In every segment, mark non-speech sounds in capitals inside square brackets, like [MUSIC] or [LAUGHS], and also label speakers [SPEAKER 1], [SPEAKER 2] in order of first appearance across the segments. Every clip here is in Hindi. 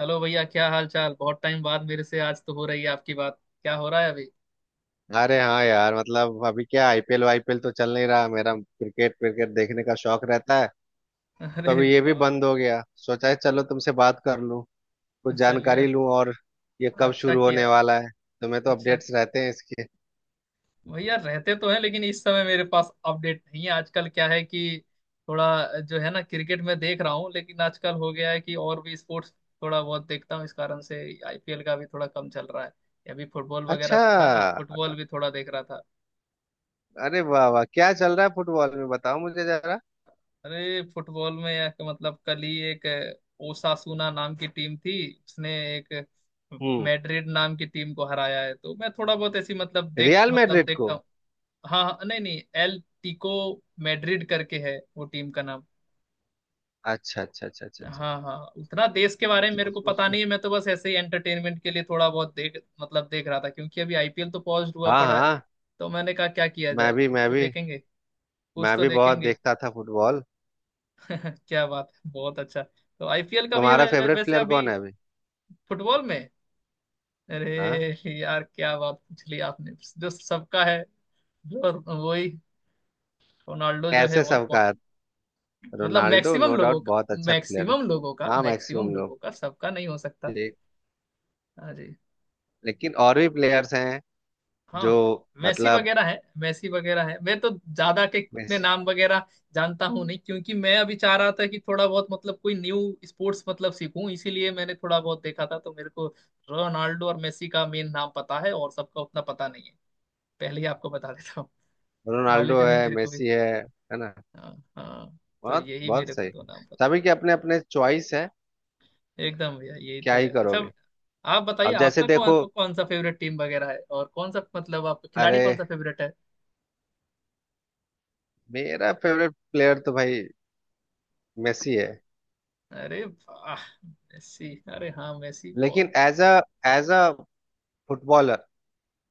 [SPEAKER 1] हेलो भैया, क्या हाल चाल। बहुत टाइम बाद मेरे से आज तो हो रही है आपकी बात। क्या हो रहा है अभी?
[SPEAKER 2] अरे हाँ यार। मतलब अभी क्या आईपीएल वाईपीएल तो चल नहीं रहा। मेरा क्रिकेट क्रिकेट देखने का शौक रहता है।
[SPEAKER 1] [LAUGHS]
[SPEAKER 2] तो
[SPEAKER 1] अरे
[SPEAKER 2] अभी ये भी
[SPEAKER 1] वाह।
[SPEAKER 2] बंद हो गया। सोचा है, चलो तुमसे बात कर लूं, कुछ
[SPEAKER 1] चलिए
[SPEAKER 2] जानकारी लूं।
[SPEAKER 1] अच्छा।
[SPEAKER 2] और ये कब
[SPEAKER 1] अच्छा
[SPEAKER 2] शुरू
[SPEAKER 1] किया।
[SPEAKER 2] होने वाला है? तुम्हें तो
[SPEAKER 1] अच्छा
[SPEAKER 2] अपडेट्स
[SPEAKER 1] किया।
[SPEAKER 2] रहते हैं इसके।
[SPEAKER 1] भैया रहते तो हैं, लेकिन इस समय मेरे पास अपडेट नहीं है। आजकल क्या है कि थोड़ा जो है ना क्रिकेट में देख रहा हूँ, लेकिन आजकल हो गया है कि और भी स्पोर्ट्स थोड़ा बहुत देखता हूँ इस कारण से आईपीएल का भी थोड़ा कम चल रहा है। अभी फुटबॉल वगैरह
[SPEAKER 2] अच्छा।
[SPEAKER 1] था ना, फुटबॉल भी थोड़ा देख रहा था।
[SPEAKER 2] अरे वाह वाह, क्या चल रहा है फुटबॉल में? बताओ मुझे जरा।
[SPEAKER 1] अरे फुटबॉल में या कि मतलब कल ही एक ओसासुना नाम की टीम थी। उसने एक
[SPEAKER 2] हम्म।
[SPEAKER 1] मैड्रिड नाम की टीम को हराया है, तो मैं थोड़ा बहुत ऐसी मतलब देख
[SPEAKER 2] रियल
[SPEAKER 1] मतलब
[SPEAKER 2] मैड्रिड को?
[SPEAKER 1] देखता हूँ। हाँ हाँ, नहीं नहीं, एल टिको मैड्रिड करके है वो टीम का नाम।
[SPEAKER 2] अच्छा अच्छा अच्छा अच्छा अच्छा।
[SPEAKER 1] हाँ हाँ, उतना देश के बारे में
[SPEAKER 2] अच्छा
[SPEAKER 1] मेरे को
[SPEAKER 2] उस,
[SPEAKER 1] पता
[SPEAKER 2] उसकी
[SPEAKER 1] नहीं है। मैं तो बस ऐसे ही एंटरटेनमेंट के लिए थोड़ा बहुत देख मतलब देख रहा था क्योंकि अभी आईपीएल तो पॉज हुआ
[SPEAKER 2] हाँ
[SPEAKER 1] पड़ा है।
[SPEAKER 2] हाँ।
[SPEAKER 1] तो मैंने कहा क्या किया जाए,
[SPEAKER 2] मैं भी
[SPEAKER 1] कुछ
[SPEAKER 2] मैं
[SPEAKER 1] तो
[SPEAKER 2] भी
[SPEAKER 1] देखेंगे, कुछ
[SPEAKER 2] मैं
[SPEAKER 1] तो
[SPEAKER 2] भी बहुत
[SPEAKER 1] देखेंगे।
[SPEAKER 2] देखता था फुटबॉल।
[SPEAKER 1] [LAUGHS] क्या बात है, बहुत अच्छा। तो आईपीएल का भी है
[SPEAKER 2] तुम्हारा
[SPEAKER 1] वै- वै-
[SPEAKER 2] फेवरेट
[SPEAKER 1] वैसे
[SPEAKER 2] प्लेयर
[SPEAKER 1] अभी
[SPEAKER 2] कौन है अभी?
[SPEAKER 1] फुटबॉल में।
[SPEAKER 2] हाँ।
[SPEAKER 1] अरे यार, क्या बात पूछ ली आपने। जो सबका है, जो वही, रोनाल्डो जो है,
[SPEAKER 2] कैसे
[SPEAKER 1] और कौन?
[SPEAKER 2] सबका?
[SPEAKER 1] मतलब
[SPEAKER 2] रोनाल्डो नो
[SPEAKER 1] मैक्सिमम लोगों
[SPEAKER 2] डाउट
[SPEAKER 1] का,
[SPEAKER 2] बहुत अच्छा प्लेयर है।
[SPEAKER 1] मैक्सिमम लोगों का
[SPEAKER 2] हाँ
[SPEAKER 1] मैक्सिमम
[SPEAKER 2] मैक्सिमम लोग।
[SPEAKER 1] लोगों का सबका नहीं हो सकता।
[SPEAKER 2] ठीक।
[SPEAKER 1] हाँ जी।
[SPEAKER 2] लेकिन और भी प्लेयर्स हैं जो
[SPEAKER 1] हाँ, मैसी
[SPEAKER 2] मतलब
[SPEAKER 1] वगैरह है मैसी वगैरह है मैं तो ज्यादा के उतने
[SPEAKER 2] मेसी।
[SPEAKER 1] नाम वगैरह जानता हूँ नहीं, क्योंकि मैं अभी चाह रहा था कि थोड़ा बहुत मतलब कोई न्यू स्पोर्ट्स मतलब सीखूं, इसीलिए मैंने थोड़ा बहुत देखा था। तो मेरे को रोनाल्डो और मेसी का मेन नाम पता है, और सबका उतना पता नहीं है। पहले ही आपको बता देता हूँ नॉलेज
[SPEAKER 2] रोनाल्डो
[SPEAKER 1] अभी
[SPEAKER 2] है,
[SPEAKER 1] मेरे को भी।
[SPEAKER 2] मेसी है ना।
[SPEAKER 1] हाँ। हाँ, तो
[SPEAKER 2] बहुत
[SPEAKER 1] यही
[SPEAKER 2] बहुत
[SPEAKER 1] मेरे को
[SPEAKER 2] सही।
[SPEAKER 1] दो नाम पता।
[SPEAKER 2] सभी के अपने अपने चॉइस है।
[SPEAKER 1] एकदम भैया, यही तो
[SPEAKER 2] क्या
[SPEAKER 1] है।
[SPEAKER 2] ही
[SPEAKER 1] अच्छा
[SPEAKER 2] करोगे।
[SPEAKER 1] आप बताइए,
[SPEAKER 2] अब जैसे
[SPEAKER 1] आपका कौन
[SPEAKER 2] देखो,
[SPEAKER 1] कौन सा फेवरेट टीम वगैरह है और कौन सा मतलब आपका खिलाड़ी
[SPEAKER 2] अरे,
[SPEAKER 1] कौन सा फेवरेट है?
[SPEAKER 2] मेरा फेवरेट प्लेयर तो भाई मेसी है।
[SPEAKER 1] अरे वाह, मेसी। अरे हाँ, मेसी बहुत।
[SPEAKER 2] लेकिन एज अ फुटबॉलर,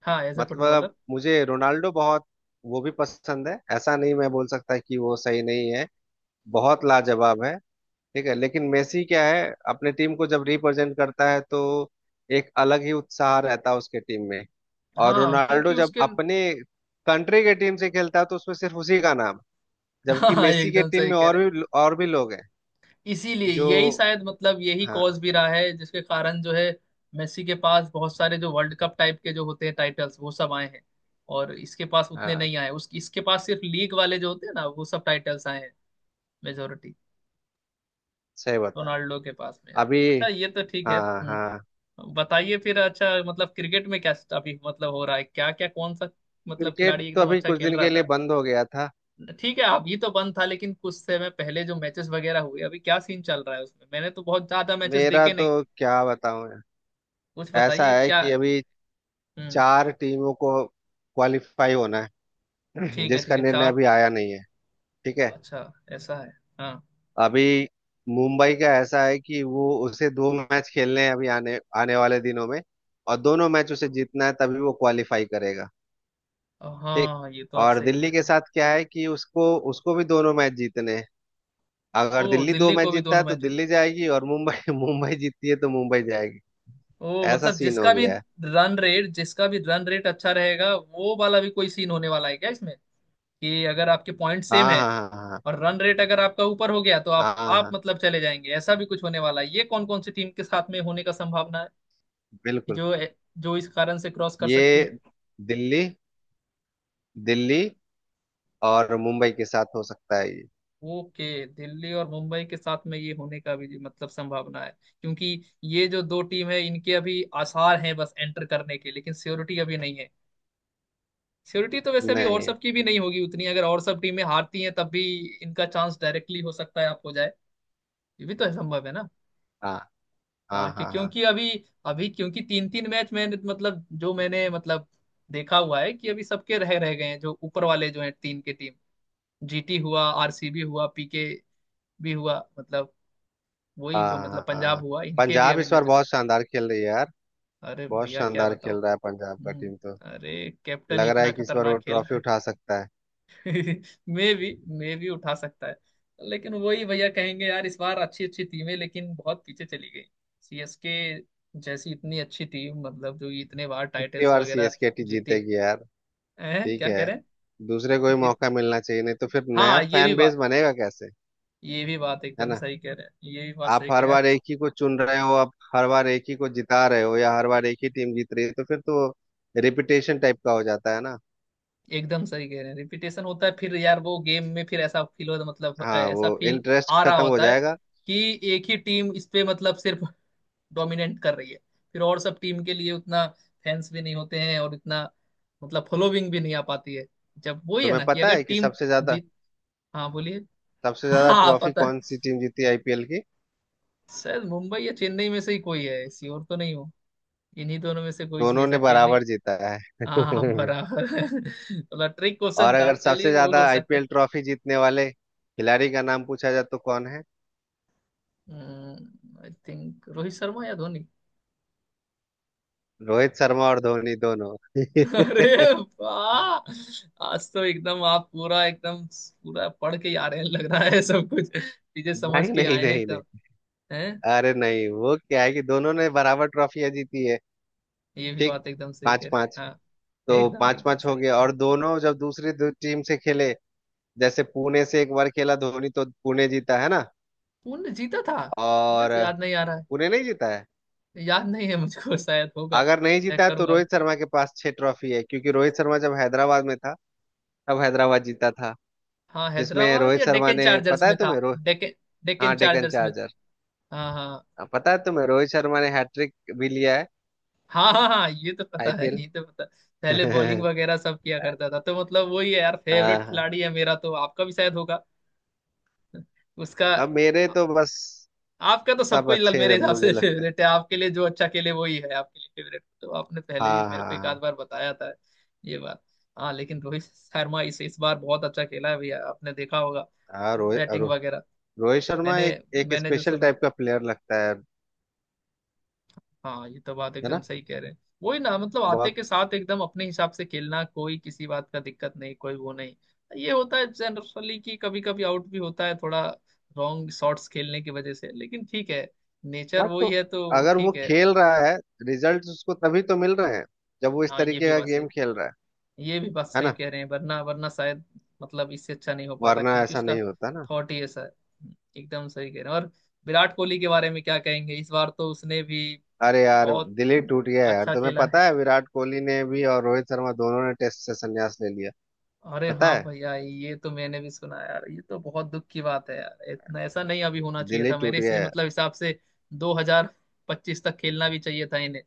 [SPEAKER 1] हाँ, एज अ
[SPEAKER 2] मतलब
[SPEAKER 1] फुटबॉलर।
[SPEAKER 2] मुझे रोनाल्डो बहुत, वो भी पसंद है। ऐसा नहीं मैं बोल सकता कि वो सही नहीं है। बहुत लाजवाब है, ठीक है। लेकिन मेसी क्या है, अपने टीम को जब रिप्रेजेंट करता है तो एक अलग ही उत्साह रहता है उसके टीम में। और
[SPEAKER 1] हाँ,
[SPEAKER 2] रोनाल्डो
[SPEAKER 1] क्योंकि
[SPEAKER 2] जब
[SPEAKER 1] उसके।
[SPEAKER 2] अपने कंट्री के टीम से खेलता है तो उसमें सिर्फ उसी का नाम।
[SPEAKER 1] [LAUGHS]
[SPEAKER 2] जबकि
[SPEAKER 1] हाँ,
[SPEAKER 2] मेसी के
[SPEAKER 1] एकदम
[SPEAKER 2] टीम
[SPEAKER 1] सही
[SPEAKER 2] में
[SPEAKER 1] कह
[SPEAKER 2] और
[SPEAKER 1] रहे
[SPEAKER 2] भी और भी लोग हैं
[SPEAKER 1] हैं। इसीलिए
[SPEAKER 2] जो।
[SPEAKER 1] यही शायद मतलब यही
[SPEAKER 2] हाँ
[SPEAKER 1] कॉज भी रहा है जिसके कारण जो है मेसी के पास बहुत सारे जो वर्ल्ड कप टाइप के जो होते हैं टाइटल्स वो सब आए हैं, और इसके पास उतने
[SPEAKER 2] हाँ।
[SPEAKER 1] नहीं आए। उस इसके पास सिर्फ लीग वाले जो होते हैं ना, वो सब टाइटल्स आए हैं मेजोरिटी
[SPEAKER 2] सही बताया।
[SPEAKER 1] रोनाल्डो के पास में। यार
[SPEAKER 2] अभी।
[SPEAKER 1] अच्छा, ये तो ठीक है।
[SPEAKER 2] हाँ हाँ।
[SPEAKER 1] बताइए फिर। अच्छा मतलब क्रिकेट में क्या अभी मतलब हो रहा है, क्या क्या, कौन सा मतलब
[SPEAKER 2] क्रिकेट
[SPEAKER 1] खिलाड़ी
[SPEAKER 2] तो
[SPEAKER 1] एकदम
[SPEAKER 2] अभी
[SPEAKER 1] अच्छा
[SPEAKER 2] कुछ
[SPEAKER 1] खेल
[SPEAKER 2] दिन
[SPEAKER 1] रहा
[SPEAKER 2] के लिए
[SPEAKER 1] था?
[SPEAKER 2] बंद हो गया था।
[SPEAKER 1] ठीक है, अभी तो बंद था, लेकिन कुछ समय पहले जो मैचेस वगैरह हुए, अभी क्या सीन चल रहा है उसमें? मैंने तो बहुत ज्यादा मैचेस
[SPEAKER 2] मेरा
[SPEAKER 1] देखे
[SPEAKER 2] तो
[SPEAKER 1] नहीं।
[SPEAKER 2] क्या बताऊं यार।
[SPEAKER 1] कुछ
[SPEAKER 2] ऐसा
[SPEAKER 1] बताइए
[SPEAKER 2] है
[SPEAKER 1] क्या।
[SPEAKER 2] कि अभी
[SPEAKER 1] हम्म।
[SPEAKER 2] चार टीमों को क्वालिफाई होना है [CLEARS THROAT]
[SPEAKER 1] ठीक है
[SPEAKER 2] जिसका
[SPEAKER 1] ठीक है,
[SPEAKER 2] निर्णय
[SPEAKER 1] चार।
[SPEAKER 2] अभी आया नहीं है। ठीक है।
[SPEAKER 1] अच्छा ऐसा है। हाँ
[SPEAKER 2] अभी मुंबई का ऐसा है कि वो, उसे दो मैच खेलने हैं अभी आने आने वाले दिनों में। और दोनों मैच उसे जीतना है तभी वो क्वालिफाई करेगा। ठीक।
[SPEAKER 1] हाँ, ये तो आप
[SPEAKER 2] और
[SPEAKER 1] सही कह
[SPEAKER 2] दिल्ली के
[SPEAKER 1] रहे हैं।
[SPEAKER 2] साथ क्या है कि उसको उसको भी दोनों मैच जीतने हैं।
[SPEAKER 1] ओ
[SPEAKER 2] अगर दिल्ली दो
[SPEAKER 1] दिल्ली
[SPEAKER 2] मैच
[SPEAKER 1] को भी
[SPEAKER 2] जीतता
[SPEAKER 1] दोनों
[SPEAKER 2] है तो
[SPEAKER 1] मैच जीत।
[SPEAKER 2] दिल्ली जाएगी, और मुंबई [LAUGHS] मुंबई जीतती है तो मुंबई जाएगी।
[SPEAKER 1] ओ
[SPEAKER 2] ऐसा
[SPEAKER 1] मतलब
[SPEAKER 2] सीन हो
[SPEAKER 1] जिसका भी
[SPEAKER 2] गया है।
[SPEAKER 1] रन रेट, जिसका भी रन रेट अच्छा रहेगा, वो वाला भी कोई सीन होने वाला है क्या इसमें? कि अगर आपके पॉइंट सेम
[SPEAKER 2] हाँ
[SPEAKER 1] है
[SPEAKER 2] हाँ हाँ हाँ
[SPEAKER 1] और रन रेट अगर आपका ऊपर हो गया तो आप
[SPEAKER 2] हाँ हाँ
[SPEAKER 1] आप
[SPEAKER 2] हाँ,
[SPEAKER 1] मतलब चले जाएंगे, ऐसा भी कुछ होने वाला है? ये कौन कौन सी टीम के साथ में होने का संभावना है कि
[SPEAKER 2] बिल्कुल।
[SPEAKER 1] जो जो इस कारण से क्रॉस कर सकती
[SPEAKER 2] ये
[SPEAKER 1] है?
[SPEAKER 2] दिल्ली, दिल्ली और मुंबई के साथ हो सकता है ये।
[SPEAKER 1] ओके, दिल्ली और मुंबई के साथ में ये होने का भी मतलब संभावना है, क्योंकि ये जो दो टीम है इनके अभी आसार हैं बस एंटर करने के, लेकिन श्योरिटी अभी नहीं है। श्योरिटी तो वैसे भी और
[SPEAKER 2] नहीं है।
[SPEAKER 1] सब की भी नहीं होगी उतनी। अगर और सब टीमें हारती हैं तब भी इनका चांस डायरेक्टली हो सकता है आपको जाए, ये भी तो संभव है ना।
[SPEAKER 2] हाँ हाँ
[SPEAKER 1] हाँ क्यों-
[SPEAKER 2] हाँ हाँ।
[SPEAKER 1] क्योंकि अभी, अभी क्योंकि तीन तीन मैच मैंने मतलब जो मैंने देखा हुआ है कि अभी सबके रह रह गए हैं। जो ऊपर वाले जो हैं तीन के टीम, जीटी हुआ, आरसीबी हुआ, पीके भी हुआ, मतलब वही जो
[SPEAKER 2] हाँ
[SPEAKER 1] मतलब
[SPEAKER 2] हाँ।
[SPEAKER 1] पंजाब हुआ, इनके भी
[SPEAKER 2] पंजाब
[SPEAKER 1] अभी
[SPEAKER 2] इस बार
[SPEAKER 1] मैचेस।
[SPEAKER 2] बहुत शानदार खेल रही है यार।
[SPEAKER 1] अरे
[SPEAKER 2] बहुत
[SPEAKER 1] भैया क्या
[SPEAKER 2] शानदार खेल
[SPEAKER 1] बताऊं।
[SPEAKER 2] रहा है पंजाब का
[SPEAKER 1] हम्म,
[SPEAKER 2] टीम तो।
[SPEAKER 1] अरे कैप्टन ही
[SPEAKER 2] लग रहा
[SPEAKER 1] इतना
[SPEAKER 2] है कि इस बार
[SPEAKER 1] खतरनाक
[SPEAKER 2] वो
[SPEAKER 1] खेल।
[SPEAKER 2] ट्रॉफी उठा सकता है।
[SPEAKER 1] [LAUGHS] मे भी, मे भी उठा सकता है। लेकिन वही भैया कहेंगे यार, इस बार अच्छी अच्छी टीमें लेकिन बहुत पीछे चली गई। सीएसके जैसी इतनी अच्छी टीम, मतलब जो इतने बार
[SPEAKER 2] कितनी
[SPEAKER 1] टाइटल्स
[SPEAKER 2] बार
[SPEAKER 1] वगैरह
[SPEAKER 2] सीएसके टी
[SPEAKER 1] जीती
[SPEAKER 2] जीतेगी यार।
[SPEAKER 1] है हैं?
[SPEAKER 2] ठीक
[SPEAKER 1] क्या
[SPEAKER 2] है,
[SPEAKER 1] कह रहे हैं।
[SPEAKER 2] दूसरे को ही
[SPEAKER 1] जीत।
[SPEAKER 2] मौका मिलना चाहिए, नहीं तो फिर नया
[SPEAKER 1] हाँ ये भी
[SPEAKER 2] फैन बेस
[SPEAKER 1] बात,
[SPEAKER 2] बनेगा कैसे।
[SPEAKER 1] ये भी बात
[SPEAKER 2] है
[SPEAKER 1] एकदम
[SPEAKER 2] ना।
[SPEAKER 1] सही कह रहे हैं, ये भी बात
[SPEAKER 2] आप
[SPEAKER 1] सही कह
[SPEAKER 2] हर
[SPEAKER 1] रहे हैं।
[SPEAKER 2] बार एक ही को चुन रहे हो, आप हर बार एक ही को जिता रहे हो, या हर बार एक ही टीम जीत रही है तो फिर तो रिपीटेशन टाइप का हो जाता है ना।
[SPEAKER 1] एकदम सही कह रहे हैं, रिपीटेशन होता है फिर यार वो गेम में। फिर ऐसा फील हो मतलब
[SPEAKER 2] हाँ, वो
[SPEAKER 1] ऐसा फील आ
[SPEAKER 2] इंटरेस्ट
[SPEAKER 1] रहा
[SPEAKER 2] खत्म हो
[SPEAKER 1] होता है
[SPEAKER 2] जाएगा।
[SPEAKER 1] कि एक ही टीम इस पे मतलब सिर्फ डोमिनेट कर रही है। फिर और सब टीम के लिए उतना फैंस भी नहीं होते हैं, और इतना मतलब फॉलोविंग भी नहीं आ पाती है, जब वही है
[SPEAKER 2] तुम्हें
[SPEAKER 1] ना कि
[SPEAKER 2] पता
[SPEAKER 1] अगर
[SPEAKER 2] है कि
[SPEAKER 1] टीम
[SPEAKER 2] सबसे ज्यादा,
[SPEAKER 1] जीत। हाँ बोलिए।
[SPEAKER 2] सबसे ज्यादा
[SPEAKER 1] हाँ
[SPEAKER 2] ट्रॉफी
[SPEAKER 1] पता
[SPEAKER 2] कौन सी
[SPEAKER 1] है।
[SPEAKER 2] टीम जीती आईपीएल की?
[SPEAKER 1] शायद मुंबई या चेन्नई में से ही कोई है, ऐसी और तो नहीं हो, इन्हीं दोनों में से कोई सी
[SPEAKER 2] दोनों
[SPEAKER 1] है,
[SPEAKER 2] ने
[SPEAKER 1] शायद चेन्नई।
[SPEAKER 2] बराबर जीता है
[SPEAKER 1] हाँ
[SPEAKER 2] [LAUGHS]
[SPEAKER 1] बराबर। [LAUGHS] थोड़ा ट्रिक क्वेश्चन
[SPEAKER 2] और
[SPEAKER 1] था,
[SPEAKER 2] अगर सबसे
[SPEAKER 1] चलिए वो
[SPEAKER 2] ज्यादा
[SPEAKER 1] हो सकता है।
[SPEAKER 2] आईपीएल ट्रॉफी जीतने वाले खिलाड़ी का नाम पूछा जाए तो कौन है?
[SPEAKER 1] आई थिंक रोहित शर्मा या धोनी।
[SPEAKER 2] रोहित शर्मा और धोनी दोनों [LAUGHS]
[SPEAKER 1] [LAUGHS] अरे वाह, आज तो एकदम आप पूरा एकदम पूरा पढ़ के ही आ रहे हैं लग रहा है, सब कुछ चीजें समझ
[SPEAKER 2] नहीं
[SPEAKER 1] के
[SPEAKER 2] नहीं
[SPEAKER 1] आए हैं
[SPEAKER 2] नहीं
[SPEAKER 1] एकदम।
[SPEAKER 2] नहीं
[SPEAKER 1] हैं।
[SPEAKER 2] अरे नहीं, वो क्या है कि दोनों ने बराबर ट्रॉफियां जीती है।
[SPEAKER 1] ये भी
[SPEAKER 2] ठीक।
[SPEAKER 1] बात एकदम सही
[SPEAKER 2] पांच
[SPEAKER 1] कह रहे हैं,
[SPEAKER 2] पांच।
[SPEAKER 1] हाँ।
[SPEAKER 2] तो
[SPEAKER 1] एकदम
[SPEAKER 2] पांच
[SPEAKER 1] एकदम
[SPEAKER 2] पांच हो
[SPEAKER 1] सही कह
[SPEAKER 2] गया,
[SPEAKER 1] रहे हैं।
[SPEAKER 2] और दोनों जब दूसरी दो टीम से खेले, जैसे पुणे से एक बार खेला धोनी तो पुणे जीता है ना।
[SPEAKER 1] पुण्य जीता था। मुझे
[SPEAKER 2] और
[SPEAKER 1] तो याद नहीं आ रहा।
[SPEAKER 2] पुणे नहीं जीता है?
[SPEAKER 1] है याद नहीं है मुझको, शायद होगा।
[SPEAKER 2] अगर नहीं जीता
[SPEAKER 1] चेक
[SPEAKER 2] है तो
[SPEAKER 1] करूंगा।
[SPEAKER 2] रोहित शर्मा के पास छह ट्रॉफी है, क्योंकि रोहित शर्मा जब हैदराबाद में था तब हैदराबाद जीता था।
[SPEAKER 1] हाँ,
[SPEAKER 2] जिसमें
[SPEAKER 1] हैदराबाद
[SPEAKER 2] रोहित
[SPEAKER 1] या
[SPEAKER 2] शर्मा
[SPEAKER 1] डेक्कन
[SPEAKER 2] ने,
[SPEAKER 1] चार्जर्स
[SPEAKER 2] पता है
[SPEAKER 1] में था।
[SPEAKER 2] तुम्हें, रोहित
[SPEAKER 1] डेक्कन, डेक्कन
[SPEAKER 2] हाँ डेक्कन
[SPEAKER 1] चार्जर्स में।
[SPEAKER 2] चार्जर।
[SPEAKER 1] हाँ हाँ।
[SPEAKER 2] हाँ, पता है तुम्हें रोहित शर्मा ने हैट्रिक भी लिया है
[SPEAKER 1] हाँ हाँ हाँ, ये तो पता है,
[SPEAKER 2] आईपीएल।
[SPEAKER 1] ये तो पता है। पहले बॉलिंग
[SPEAKER 2] [LAUGHS]
[SPEAKER 1] वगैरह सब किया करता था, तो मतलब वही है यार,
[SPEAKER 2] हाँ
[SPEAKER 1] फेवरेट
[SPEAKER 2] हाँ।
[SPEAKER 1] खिलाड़ी है मेरा तो, आपका भी शायद होगा उसका।
[SPEAKER 2] अब मेरे
[SPEAKER 1] आ-
[SPEAKER 2] तो बस,
[SPEAKER 1] आपका तो
[SPEAKER 2] सब
[SPEAKER 1] सबको ही
[SPEAKER 2] अच्छे
[SPEAKER 1] मेरे
[SPEAKER 2] हैं,
[SPEAKER 1] हिसाब
[SPEAKER 2] मुझे
[SPEAKER 1] से
[SPEAKER 2] लगता है।
[SPEAKER 1] फेवरेट है, आपके लिए जो अच्छा खेले वही है आपके लिए फेवरेट, तो आपने पहले भी
[SPEAKER 2] हाँ
[SPEAKER 1] मेरे
[SPEAKER 2] हाँ
[SPEAKER 1] को एक आध
[SPEAKER 2] हाँ।
[SPEAKER 1] बार बताया था ये बात। हाँ लेकिन रोहित शर्मा इस बार बहुत अच्छा खेला है भैया, आपने देखा होगा
[SPEAKER 2] हाँ रोहित
[SPEAKER 1] बैटिंग
[SPEAKER 2] रो,
[SPEAKER 1] वगैरह।
[SPEAKER 2] रोहित शर्मा
[SPEAKER 1] मैंने
[SPEAKER 2] एक, एक
[SPEAKER 1] मैंने जो
[SPEAKER 2] स्पेशल
[SPEAKER 1] सुना।
[SPEAKER 2] टाइप का प्लेयर लगता है
[SPEAKER 1] हाँ ये तो बात
[SPEAKER 2] है
[SPEAKER 1] एकदम
[SPEAKER 2] ना।
[SPEAKER 1] सही कह रहे हैं, वही ना मतलब आते
[SPEAKER 2] बहुत।
[SPEAKER 1] के साथ एकदम अपने हिसाब से खेलना, कोई किसी बात का दिक्कत नहीं, कोई वो नहीं। ये होता है जनरली कि कभी कभी आउट भी होता है थोड़ा रॉन्ग शॉट्स खेलने की वजह से, लेकिन ठीक है, नेचर
[SPEAKER 2] हाँ तो,
[SPEAKER 1] वही है तो
[SPEAKER 2] अगर वो
[SPEAKER 1] ठीक है।
[SPEAKER 2] खेल रहा है, रिजल्ट उसको तभी तो मिल रहे हैं, जब वो इस
[SPEAKER 1] हाँ ये
[SPEAKER 2] तरीके
[SPEAKER 1] भी
[SPEAKER 2] का
[SPEAKER 1] बात सही,
[SPEAKER 2] गेम खेल रहा है।
[SPEAKER 1] ये भी बात
[SPEAKER 2] है
[SPEAKER 1] सही
[SPEAKER 2] ना।
[SPEAKER 1] कह रहे हैं। वरना वरना शायद मतलब इससे अच्छा नहीं हो पाता,
[SPEAKER 2] वरना
[SPEAKER 1] क्योंकि
[SPEAKER 2] ऐसा
[SPEAKER 1] उसका
[SPEAKER 2] नहीं होता ना।
[SPEAKER 1] थॉट ही ऐसा है। एकदम सही कह रहे हैं। और विराट कोहली के बारे में क्या कहेंगे? इस बार तो उसने भी
[SPEAKER 2] अरे यार,
[SPEAKER 1] बहुत
[SPEAKER 2] दिल ही टूट गया यार।
[SPEAKER 1] अच्छा
[SPEAKER 2] तुम्हें
[SPEAKER 1] खेला है।
[SPEAKER 2] पता है विराट कोहली ने भी और रोहित शर्मा, दोनों ने टेस्ट से संन्यास ले लिया।
[SPEAKER 1] अरे
[SPEAKER 2] पता
[SPEAKER 1] हाँ
[SPEAKER 2] है,
[SPEAKER 1] भैया, ये तो मैंने भी सुना यार, ये तो बहुत दुख की बात है यार। इतना ऐसा नहीं अभी होना चाहिए
[SPEAKER 2] दिल ही
[SPEAKER 1] था,
[SPEAKER 2] टूट
[SPEAKER 1] मेरे
[SPEAKER 2] गया
[SPEAKER 1] से
[SPEAKER 2] यार।
[SPEAKER 1] मतलब हिसाब से 2025 तक खेलना भी चाहिए था इन्हें।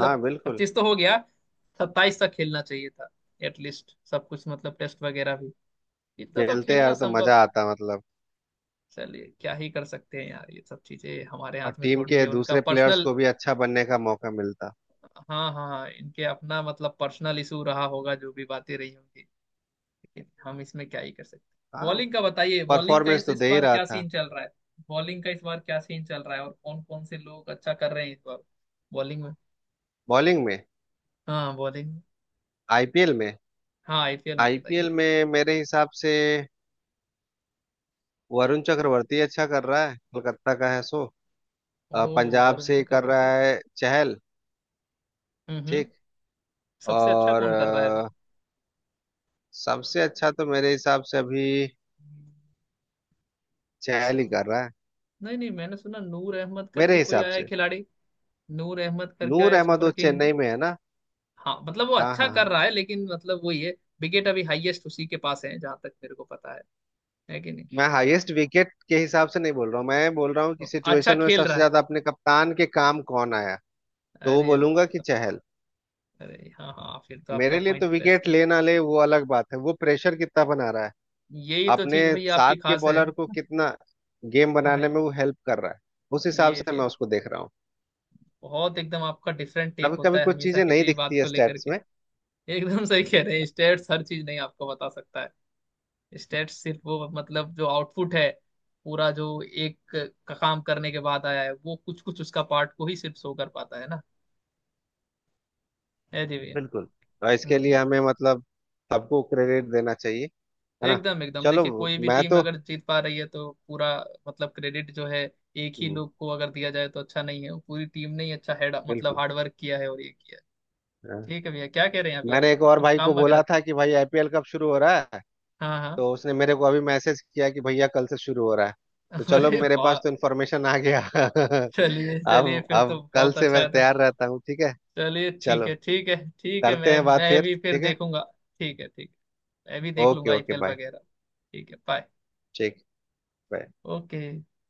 [SPEAKER 2] हाँ बिल्कुल।
[SPEAKER 1] 25 तो हो गया, 27 तक खेलना चाहिए था एटलीस्ट, सब कुछ मतलब टेस्ट वगैरह भी इतना तो
[SPEAKER 2] खेलते
[SPEAKER 1] खेलना
[SPEAKER 2] यार तो
[SPEAKER 1] संभव।
[SPEAKER 2] मजा आता, मतलब
[SPEAKER 1] चलिए, क्या ही कर सकते हैं यार, ये सब चीजें हमारे
[SPEAKER 2] और
[SPEAKER 1] हाथ में
[SPEAKER 2] टीम
[SPEAKER 1] थोड़ी
[SPEAKER 2] के
[SPEAKER 1] है, उनका
[SPEAKER 2] दूसरे प्लेयर्स
[SPEAKER 1] पर्सनल।
[SPEAKER 2] को भी अच्छा बनने का मौका मिलता।
[SPEAKER 1] हाँ हाँ हाँ, इनके अपना मतलब पर्सनल इशू रहा होगा, जो भी बातें रही होंगी, हम इसमें क्या ही कर सकते हैं।
[SPEAKER 2] हाँ।
[SPEAKER 1] बॉलिंग का बताइए, बॉलिंग का
[SPEAKER 2] परफॉर्मेंस
[SPEAKER 1] इस
[SPEAKER 2] तो
[SPEAKER 1] इस
[SPEAKER 2] दे ही
[SPEAKER 1] बार
[SPEAKER 2] रहा
[SPEAKER 1] क्या
[SPEAKER 2] था।
[SPEAKER 1] सीन चल रहा है? बॉलिंग का इस बार क्या सीन चल रहा है, और कौन कौन से लोग अच्छा कर रहे हैं इस बार बॉलिंग में?
[SPEAKER 2] बॉलिंग में,
[SPEAKER 1] हाँ बॉलिंग में।
[SPEAKER 2] आईपीएल में।
[SPEAKER 1] हाँ आईपीएल में बताइए।
[SPEAKER 2] आईपीएल में मेरे हिसाब से वरुण चक्रवर्ती अच्छा कर रहा है, कोलकाता का है सो।
[SPEAKER 1] ओ
[SPEAKER 2] पंजाब
[SPEAKER 1] वरुण
[SPEAKER 2] से कर
[SPEAKER 1] चक्रवर्ती।
[SPEAKER 2] रहा है चहल।
[SPEAKER 1] हम्म हम्म
[SPEAKER 2] ठीक।
[SPEAKER 1] सबसे अच्छा
[SPEAKER 2] और
[SPEAKER 1] कौन कर रहा है अभी?
[SPEAKER 2] अ, सबसे अच्छा तो मेरे हिसाब से अभी
[SPEAKER 1] स-
[SPEAKER 2] चहल ही कर रहा है।
[SPEAKER 1] नहीं नहीं, मैंने सुना नूर अहमद करके
[SPEAKER 2] मेरे
[SPEAKER 1] कोई
[SPEAKER 2] हिसाब
[SPEAKER 1] आया है
[SPEAKER 2] से
[SPEAKER 1] खिलाड़ी, नूर अहमद करके
[SPEAKER 2] नूर
[SPEAKER 1] आया
[SPEAKER 2] अहमद,
[SPEAKER 1] सुपर
[SPEAKER 2] वो
[SPEAKER 1] किंग में।
[SPEAKER 2] चेन्नई में है ना।
[SPEAKER 1] हाँ मतलब वो
[SPEAKER 2] हाँ
[SPEAKER 1] अच्छा
[SPEAKER 2] हाँ
[SPEAKER 1] कर
[SPEAKER 2] हाँ।
[SPEAKER 1] रहा है, लेकिन मतलब वही है, विकेट अभी हाईएस्ट उसी के पास है जहां तक मेरे को पता है कि नहीं?
[SPEAKER 2] मैं हाईएस्ट विकेट के हिसाब से नहीं बोल रहा हूँ, मैं बोल रहा हूँ कि
[SPEAKER 1] तो अच्छा
[SPEAKER 2] सिचुएशन में
[SPEAKER 1] खेल
[SPEAKER 2] सबसे
[SPEAKER 1] रहा।
[SPEAKER 2] ज्यादा अपने कप्तान के काम कौन आया, तो वो
[SPEAKER 1] अरे
[SPEAKER 2] बोलूंगा
[SPEAKER 1] बाप
[SPEAKER 2] कि
[SPEAKER 1] रे,
[SPEAKER 2] चहल।
[SPEAKER 1] अरे हाँ हाँ, फिर तो आपका
[SPEAKER 2] मेरे लिए तो
[SPEAKER 1] पॉइंट बेस्ट
[SPEAKER 2] विकेट
[SPEAKER 1] है।
[SPEAKER 2] ले ना ले वो अलग बात है, वो प्रेशर कितना बना रहा है,
[SPEAKER 1] यही तो
[SPEAKER 2] अपने
[SPEAKER 1] चीज भाई आपकी
[SPEAKER 2] साथ के
[SPEAKER 1] खास है।
[SPEAKER 2] बॉलर को
[SPEAKER 1] [LAUGHS]
[SPEAKER 2] कितना गेम
[SPEAKER 1] हाँ
[SPEAKER 2] बनाने में वो हेल्प कर रहा है, उस हिसाब
[SPEAKER 1] ये
[SPEAKER 2] से मैं
[SPEAKER 1] फिर
[SPEAKER 2] उसको देख रहा हूँ।
[SPEAKER 1] बहुत एकदम आपका डिफरेंट टेक
[SPEAKER 2] कभी
[SPEAKER 1] होता
[SPEAKER 2] कभी
[SPEAKER 1] है
[SPEAKER 2] कुछ
[SPEAKER 1] हमेशा
[SPEAKER 2] चीजें
[SPEAKER 1] किसी
[SPEAKER 2] नहीं
[SPEAKER 1] भी बात
[SPEAKER 2] दिखती है
[SPEAKER 1] को लेकर
[SPEAKER 2] स्टैट्स
[SPEAKER 1] के।
[SPEAKER 2] में।
[SPEAKER 1] एकदम सही कह रहे हैं, स्टेट्स हर चीज नहीं आपको बता सकता है। स्टेट्स सिर्फ वो मतलब जो आउटपुट है, पूरा जो एक का काम करने के बाद आया है, वो कुछ कुछ उसका पार्ट को ही सिर्फ शो कर पाता है ना। है जी भैया।
[SPEAKER 2] बिल्कुल। और इसके
[SPEAKER 1] हम्म
[SPEAKER 2] लिए
[SPEAKER 1] हम्म।
[SPEAKER 2] हमें मतलब सबको क्रेडिट देना चाहिए, है ना।
[SPEAKER 1] एकदम एकदम
[SPEAKER 2] चलो,
[SPEAKER 1] देखिए, कोई भी
[SPEAKER 2] मैं
[SPEAKER 1] टीम
[SPEAKER 2] तो।
[SPEAKER 1] अगर जीत पा रही है तो पूरा मतलब क्रेडिट जो है एक ही
[SPEAKER 2] हम्म,
[SPEAKER 1] लोग को अगर दिया जाए तो अच्छा नहीं है, वो पूरी टीम ने ही अच्छा हेड मतलब
[SPEAKER 2] बिल्कुल।
[SPEAKER 1] हार्डवर्क किया है और ये किया है।
[SPEAKER 2] हाँ।
[SPEAKER 1] ठीक है भैया, क्या कह रहे हैं अभी आप,
[SPEAKER 2] मैंने एक और
[SPEAKER 1] कुछ
[SPEAKER 2] भाई को
[SPEAKER 1] काम
[SPEAKER 2] बोला
[SPEAKER 1] वगैरह?
[SPEAKER 2] था कि भाई आईपीएल कब शुरू हो रहा है,
[SPEAKER 1] हाँ हाँ।
[SPEAKER 2] तो उसने मेरे को अभी मैसेज किया कि भैया कल से शुरू हो रहा है। तो
[SPEAKER 1] [LAUGHS]
[SPEAKER 2] चलो,
[SPEAKER 1] अरे
[SPEAKER 2] मेरे
[SPEAKER 1] वाह,
[SPEAKER 2] पास तो इन्फॉर्मेशन आ गया [LAUGHS]
[SPEAKER 1] चलिए चलिए
[SPEAKER 2] अब
[SPEAKER 1] फिर तो
[SPEAKER 2] अब कल
[SPEAKER 1] बहुत
[SPEAKER 2] से
[SPEAKER 1] अच्छा
[SPEAKER 2] मैं
[SPEAKER 1] है तो।
[SPEAKER 2] तैयार रहता हूँ, ठीक है।
[SPEAKER 1] चलिए ठीक
[SPEAKER 2] चलो,
[SPEAKER 1] है ठीक है ठीक है,
[SPEAKER 2] करते हैं बात
[SPEAKER 1] मैं
[SPEAKER 2] फिर,
[SPEAKER 1] भी फिर
[SPEAKER 2] ठीक है।
[SPEAKER 1] देखूंगा। ठीक है ठीक है, मैं भी देख
[SPEAKER 2] ओके
[SPEAKER 1] लूंगा
[SPEAKER 2] ओके,
[SPEAKER 1] आईपीएल
[SPEAKER 2] बाय।
[SPEAKER 1] वगैरह। ठीक है, बाय।
[SPEAKER 2] ठीक, बाय।
[SPEAKER 1] ओके।